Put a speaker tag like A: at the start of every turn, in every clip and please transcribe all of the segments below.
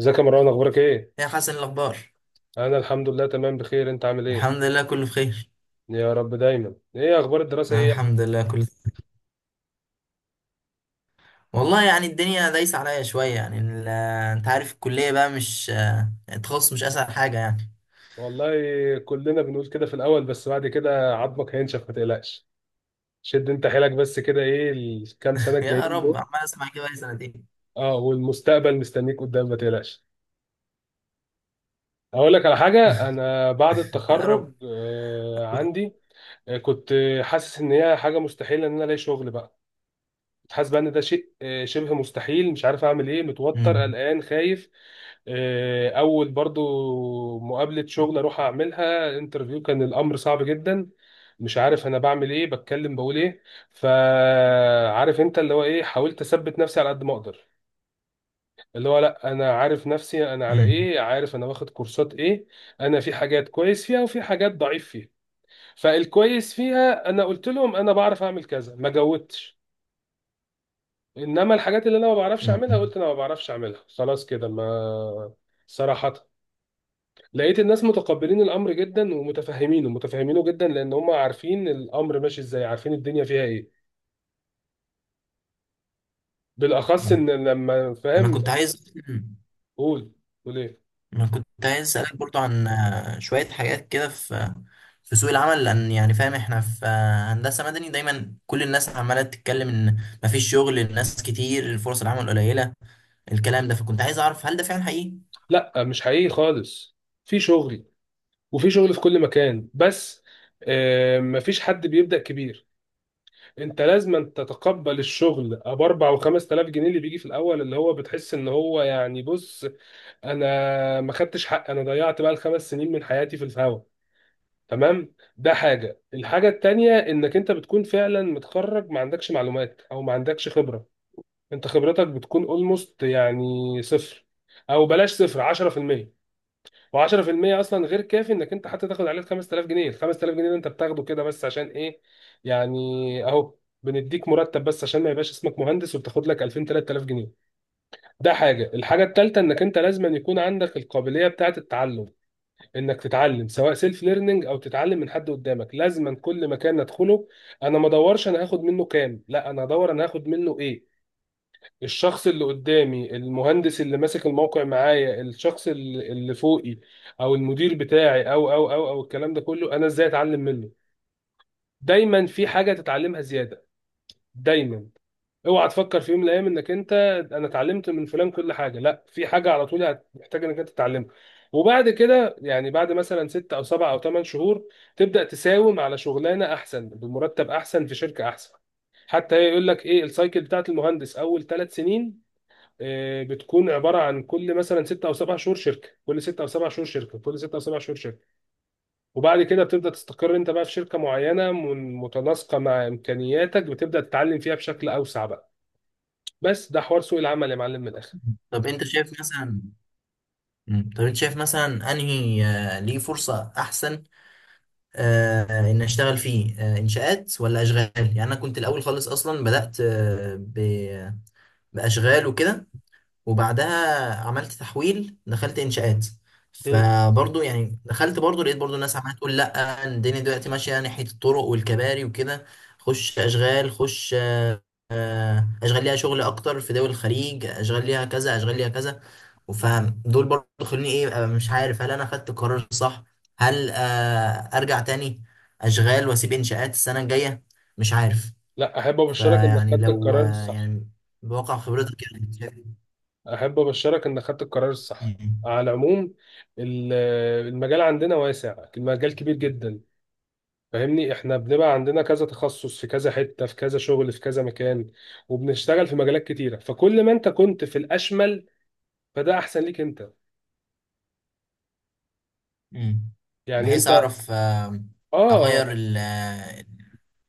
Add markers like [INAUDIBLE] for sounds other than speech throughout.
A: ازيك يا مروان؟ اخبارك ايه؟
B: يا حسن، إيه الأخبار؟
A: انا الحمد لله تمام بخير. انت عامل ايه؟
B: الحمد لله كله بخير.
A: يا رب دايما. ايه اخبار الدراسه ايه يا ابني؟
B: الحمد لله كله. والله يعني الدنيا دايسة عليا شوية يعني انت عارف الكلية بقى، مش التخصص مش أسهل حاجة يعني.
A: والله كلنا بنقول كده في الاول، بس بعد كده عظمك هينشف ما تقلقش. شد انت حيلك بس كده، ايه الكام سنه
B: [LAUGHS] يا
A: الجايين
B: رب.
A: دول.
B: عمال أسمع كده بقالي سنتين.
A: اه، والمستقبل مستنيك قدام ما تقلقش. اقول لك على حاجه، انا بعد
B: يا
A: التخرج
B: رب.
A: عندي، كنت حاسس ان هي حاجه مستحيله ان انا الاقي شغل بقى. حاسس بقى ان ده شيء شبه مستحيل. مش عارف اعمل ايه، متوتر
B: مم.
A: قلقان خايف. اول برضو مقابلة شغل اروح اعملها انترفيو، كان الامر صعب جدا. مش عارف انا بعمل ايه، بتكلم بقول ايه. فعارف انت اللي هو ايه، حاولت اثبت نفسي على قد ما اقدر. اللي هو لا، انا عارف نفسي انا على
B: مم.
A: ايه، عارف انا واخد كورسات ايه. انا في حاجات كويس فيها وفي حاجات ضعيف فيها. فالكويس فيها انا قلت لهم انا بعرف اعمل كذا، ما جودتش. انما الحاجات اللي انا ما بعرفش اعملها،
B: مم.
A: قلت انا ما بعرفش اعملها، خلاص كده. ما صراحة لقيت الناس متقبلين الامر جدا ومتفهمينه، متفهمينه جدا، لان هم عارفين الامر ماشي ازاي، عارفين الدنيا فيها ايه، بالاخص
B: مم.
A: ان لما
B: أنا
A: فاهم.
B: كنت عايز
A: قول، قول ايه؟
B: انا كنت عايز اسالك برضو عن شويه حاجات كده في سوق العمل، لان يعني فاهم احنا في هندسه مدني. دايما كل الناس عماله تتكلم ان مفيش شغل، الناس كتير، فرص العمل قليله الكلام ده. فكنت عايز اعرف هل ده فعلا حقيقي؟
A: لا مش حقيقي خالص. في شغل، وفي شغل في كل مكان، بس مفيش حد بيبدأ كبير. انت لازم تتقبل الشغل ابو 4 و 5000 جنيه اللي بيجي في الاول، اللي هو بتحس ان هو يعني، بص، انا ما خدتش حق، انا ضيعت بقى الخمس سنين من حياتي في الهوا. تمام، ده حاجه. الحاجه التانية انك انت بتكون فعلا متخرج ما عندكش معلومات او ما عندكش خبره. انت خبرتك بتكون اولموست يعني صفر، او بلاش صفر، 10%. و10% اصلا غير كافي انك انت حتى تاخد عليه ال 5000 جنيه. ال 5000 جنيه ده انت بتاخده كده بس عشان ايه، يعني؟ اهو، بنديك مرتب بس عشان ما يبقاش اسمك مهندس، وبتاخد لك 2000 3000 جنيه. ده حاجه. الحاجه الثالثه انك انت لازم أن يكون عندك القابليه بتاعه التعلم، انك تتعلم سواء سيلف ليرنينج او تتعلم من حد قدامك. لازما كل مكان ندخله، انا ما ادورش انا هاخد منه كام، لا، انا ادور انا هاخد منه ايه. الشخص اللي قدامي، المهندس اللي ماسك الموقع معايا، الشخص اللي فوقي، او المدير بتاعي، او الكلام ده كله، انا ازاي اتعلم منه. دايما في حاجة تتعلمها زيادة، دايما. اوعى تفكر في يوم من الايام انك انت، انا اتعلمت من فلان كل حاجه. لا، في حاجه على طول هتحتاج انك انت تتعلمها. وبعد كده يعني بعد مثلا ست او سبع او ثمان شهور، تبدا تساوم على شغلانه احسن بمرتب احسن في شركه احسن. حتى يقول لك ايه السايكل بتاعت المهندس اول ثلاث سنين، بتكون عباره عن كل مثلا ست او سبع شهور شركه، كل ست او سبع شهور شركه، كل ست او سبع شهور شركه. وبعد كده بتبدا تستقر انت بقى في شركه معينه متناسقه مع امكانياتك، بتبدا تتعلم فيها بشكل اوسع بقى. بس ده حوار سوق العمل يا معلم من الاخر.
B: طب انت شايف مثلا مم. طب انت شايف مثلا انهي ليه فرصه احسن؟ ان اشتغل فيه انشاءات ولا اشغال؟ يعني انا كنت الاول خالص اصلا بدات باشغال وكده. وبعدها عملت تحويل، دخلت انشاءات.
A: مم.
B: فبرضه يعني دخلت برضه لقيت برضه الناس عماله تقول لا الدنيا دلوقتي ماشيه ناحيه الطرق والكباري وكده. خش اشغال خش، اشغال ليها شغل اكتر في دول الخليج، اشغال ليها كذا، اشغال ليها كذا. فدول برضه خلوني ايه، أبقى مش عارف هل انا خدت القرار الصح؟ هل ارجع تاني اشغال واسيب انشاءات السنه الجايه؟ مش عارف.
A: لا، احب ابشرك انك
B: فيعني
A: خدت
B: لو
A: القرار الصح.
B: يعني بواقع خبرتك يعني.
A: احب ابشرك انك خدت القرار الصح. على العموم ال- المجال عندنا واسع، المجال كبير
B: شايف-
A: جدا. فاهمني، احنا بنبقى عندنا كذا تخصص في كذا حتة، في كذا شغل في كذا مكان، وبنشتغل في مجالات كتيرة. فكل ما انت كنت في الاشمل، فده احسن ليك انت.
B: مم.
A: يعني
B: بحيث
A: انت،
B: اعرف
A: اه،
B: اغير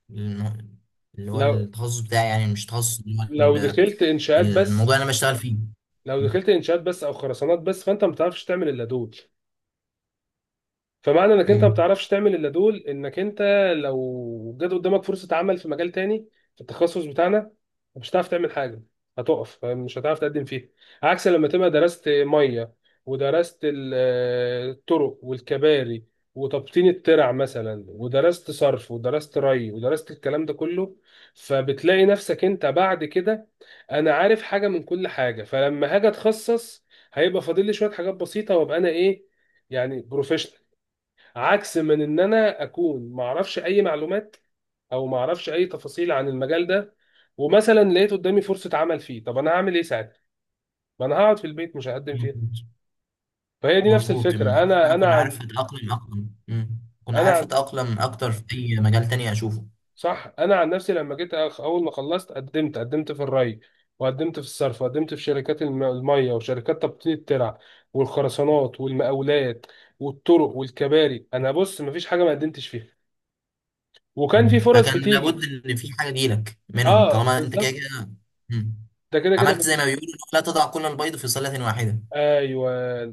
B: الم- اللي هو
A: لو
B: التخصص بتاعي يعني، مش تخصص اللي هو
A: لو دخلت انشاءات بس،
B: الموضوع اللي انا بشتغل فيه.
A: لو دخلت انشاءات بس او خرسانات بس، فانت ما بتعرفش تعمل الا دول. فمعنى انك انت ما
B: امم.
A: بتعرفش تعمل الا دول، انك انت لو جت قدامك فرصه عمل في مجال تاني في التخصص بتاعنا، مش هتعرف تعمل حاجه، هتقف مش هتعرف تقدم فيها. عكس لما تبقى درست ميه، ودرست الطرق والكباري، وتبطين الترع مثلا، ودرست صرف، ودرست ري، ودرست الكلام ده كله. فبتلاقي نفسك انت بعد كده، انا عارف حاجه من كل حاجه، فلما هاجي اتخصص، هيبقى فاضل لي شويه حاجات بسيطه، وابقى انا ايه، يعني بروفيشنال. عكس من ان انا اكون ما اعرفش اي معلومات او ما اعرفش اي تفاصيل عن المجال ده، ومثلا لقيت قدامي فرصه عمل فيه. طب انا هعمل ايه ساعتها؟ ما انا هقعد في البيت مش هقدم فيها. فهي دي نفس
B: مظبوط،
A: الفكره.
B: بحيث ان
A: انا
B: انا
A: انا
B: اكون عارف
A: عن،
B: اتاقلم اكتر. امم. اكون
A: انا
B: عارف
A: عن،
B: اتاقلم اكتر في اي مجال تاني اشوفه.
A: صح، انا عن نفسي لما جيت اول ما خلصت قدمت في الري، وقدمت في الصرف، وقدمت في شركات الميه، وشركات تبطين الترع، والخرسانات، والمقاولات، والطرق والكباري. انا بص مفيش حاجه ما قدمتش فيها، وكان في
B: مم.
A: فرص
B: فكان
A: بتيجي.
B: لابد ان في حاجه تجيلك منهم
A: اه
B: طالما انت كده
A: بالظبط.
B: كده. مم.
A: ده كده كده.
B: عملت زي ما بيقولوا لا تضع كل البيض في سله واحده.
A: ايوه،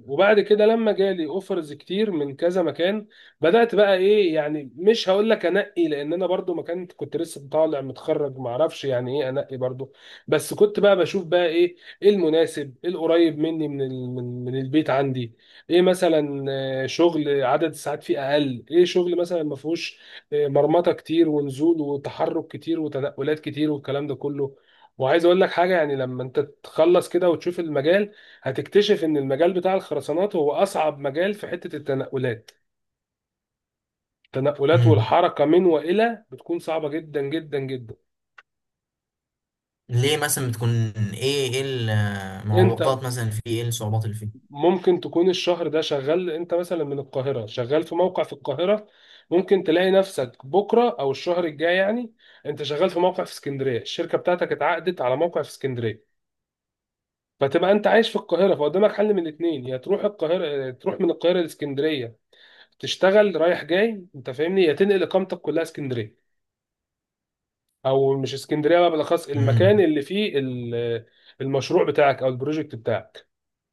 A: وبعد كده لما جالي اوفرز كتير من كذا مكان، بدات بقى ايه، يعني مش هقول لك انقي، لان انا برضو ما كنت لسه طالع متخرج ما اعرفش يعني ايه انقي برضو. بس كنت بقى بشوف بقى ايه، ايه المناسب، ايه القريب مني من ال- من من البيت عندي، ايه مثلا، شغل عدد الساعات فيه اقل، ايه شغل مثلا ما فيهوش مرمطه كتير ونزول وتحرك كتير وتنقلات كتير والكلام ده كله. وعايز اقول لك حاجه، يعني لما انت تخلص كده وتشوف المجال، هتكتشف ان المجال بتاع الخرسانات هو اصعب مجال في حتة التنقلات. التنقلات
B: مم.
A: والحركة من والى بتكون صعبة جدا جدا جدا.
B: ليه مثلا بتكون؟ ايه
A: انت
B: المعوقات مثلا؟ في ايه الصعوبات اللي فيه؟
A: ممكن تكون الشهر ده شغال انت مثلا من القاهرة، شغال في موقع في القاهرة. ممكن تلاقي نفسك بكرة او الشهر الجاي يعني، انت شغال في موقع في اسكندرية، الشركة بتاعتك اتعقدت على موقع في اسكندرية. فتبقى انت عايش في القاهرة، فقدامك حل من الاثنين، يا تروح القاهرة، تروح من القاهرة لاسكندرية، تشتغل رايح جاي، انت فاهمني، يا تنقل اقامتك كلها اسكندرية، او مش اسكندريه بقى، بالاخص المكان
B: امم.
A: اللي فيه المشروع بتاعك او البروجكت بتاعك.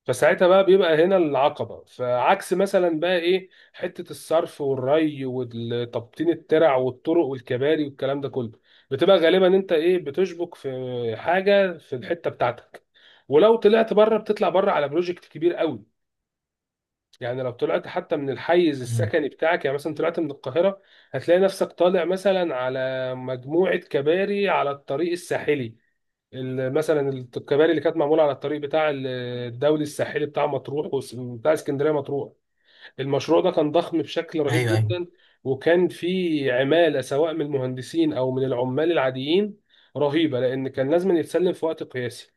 A: فساعتها بقى بيبقى هنا العقبه. فعكس مثلا بقى ايه، حته الصرف والري وتبطين الترع والطرق والكباري والكلام ده كله، بتبقى غالبا انت ايه، بتشبك في حاجه في الحته بتاعتك. ولو طلعت بره، بتطلع بره على بروجكت كبير قوي. يعني لو طلعت حتى من الحيز
B: امم.
A: السكني بتاعك، يعني مثلا طلعت من القاهرة، هتلاقي نفسك طالع مثلا على مجموعة كباري على الطريق الساحلي. مثلا الكباري اللي كانت معمولة على الطريق الدولي الساحلي، بتاع مطروح بتاع اسكندرية مطروح. المشروع ده كان ضخم بشكل رهيب
B: ايوه ايوه.
A: جدا، وكان فيه عمالة سواء من المهندسين أو من العمال العاديين رهيبة، لأن كان لازم يتسلم في وقت قياسي.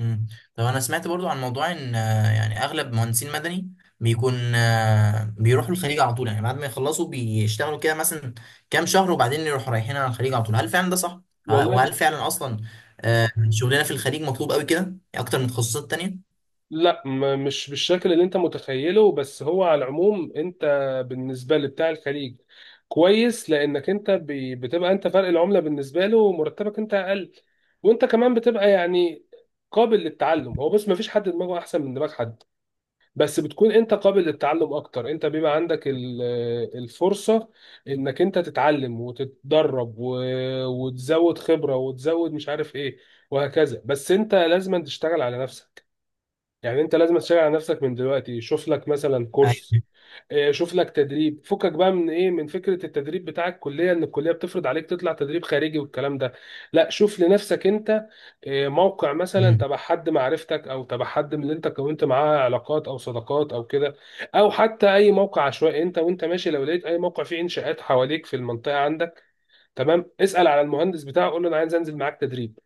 B: امم. طب انا سمعت برضو عن موضوع ان يعني اغلب مهندسين مدني بيكون بيروحوا الخليج على طول، يعني بعد ما يخلصوا بيشتغلوا كده مثلا كام شهر وبعدين يروحوا رايحين على الخليج على طول. هل فعلا ده صح؟
A: والله،
B: وهل فعلا اصلا شغلنا في الخليج مطلوب قوي كده يعني، اكتر من تخصصات تانية؟
A: لا، مش بالشكل اللي انت متخيله. بس هو على العموم انت بالنسبه لبتاع الخليج كويس، لانك انت بتبقى انت فرق العمله بالنسبه له، ومرتبك انت اقل، وانت كمان بتبقى يعني قابل للتعلم. هو بس ما فيش حد دماغه احسن من دماغ حد، بس بتكون انت قابل للتعلم اكتر. انت بيبقى عندك الفرصه انك انت تتعلم وتتدرب وتزود خبره، وتزود مش عارف ايه، وهكذا. بس انت لازم تشتغل على نفسك. يعني انت لازم تشتغل على نفسك من دلوقتي. شوف لك مثلا كورس،
B: ايوه.
A: شوف لك تدريب. فكك بقى من ايه، من فكرة التدريب بتاع الكلية ان الكلية بتفرض عليك تطلع تدريب خارجي والكلام ده. لا، شوف لنفسك انت موقع مثلا
B: امم.
A: تبع حد معرفتك، او تبع حد من اللي انت كونت معاه علاقات او صداقات او كده، او حتى اي موقع عشوائي انت وانت ماشي. لو لقيت اي موقع فيه انشاءات حواليك في المنطقة عندك، تمام، اسأل على المهندس بتاعه، قول له انا عايز انزل معاك تدريب.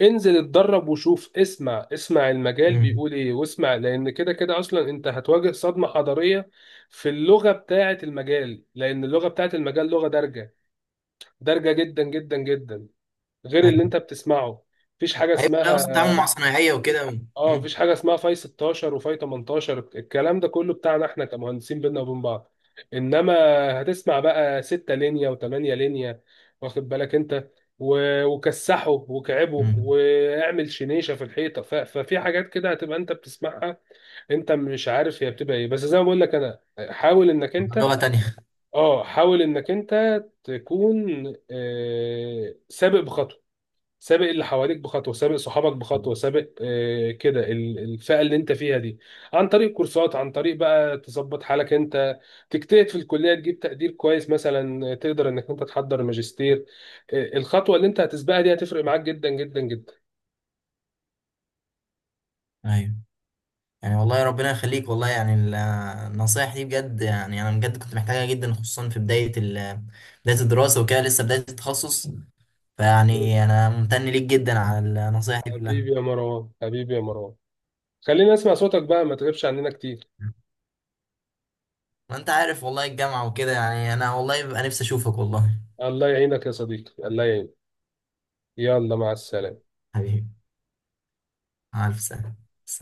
A: انزل اتدرب وشوف، اسمع، اسمع المجال
B: امم.
A: بيقول ايه واسمع، لان كده كده اصلا انت هتواجه صدمة حضارية في اللغة بتاعة المجال. لان اللغة بتاعة المجال لغة دارجة، دارجة جدا جدا جدا، غير اللي
B: ايوه
A: انت بتسمعه. مفيش حاجة
B: ايوه. لا، اصلا التعامل مع
A: اسمها،
B: صنايعية وكده.
A: اه
B: امم.
A: مفيش حاجه اسمها فاي 16 وفاي 18، الكلام ده كله بتاعنا احنا كمهندسين بينا وبين بعض. انما هتسمع بقى 6 لينيا و8 لينيا، واخد بالك انت، وكسحه وكعبه
B: امم.
A: واعمل شنيشه في الحيطه. ففي حاجات كده هتبقى انت بتسمعها، انت مش عارف هي بتبقى ايه. بس زي ما بقول لك انا، حاول انك انت،
B: لغة تانية.
A: اه، حاول انك انت تكون سابق بخطوه، سابق اللي حواليك بخطوه، سابق صحابك بخطوه، سابق كده الفئه اللي انت فيها دي، عن طريق كورسات، عن طريق بقى تظبط حالك انت، تجتهد في الكليه، تجيب تقدير كويس مثلا، تقدر انك انت تحضر ماجستير. الخطوه اللي انت هتسبقها دي هتفرق معاك جدا جدا جدا.
B: ايوه. يعني والله ربنا يخليك. والله يعني النصايح دي بجد يعني انا بجد كنت محتاجها جدا، خصوصا في بدايه الدراسه وكده، لسه بدايه التخصص. فيعني انا ممتن ليك جدا على النصايح دي كلها.
A: حبيبي يا مروان، حبيبي يا مروان، خلينا نسمع صوتك بقى، ما تغيبش عننا كتير.
B: ما انت عارف والله الجامعه وكده، يعني انا والله ببقى نفسي اشوفك والله.
A: الله يعينك يا صديقي، الله يعينك. يلا، مع السلامه.
B: حبيبي. مع الف سلامه.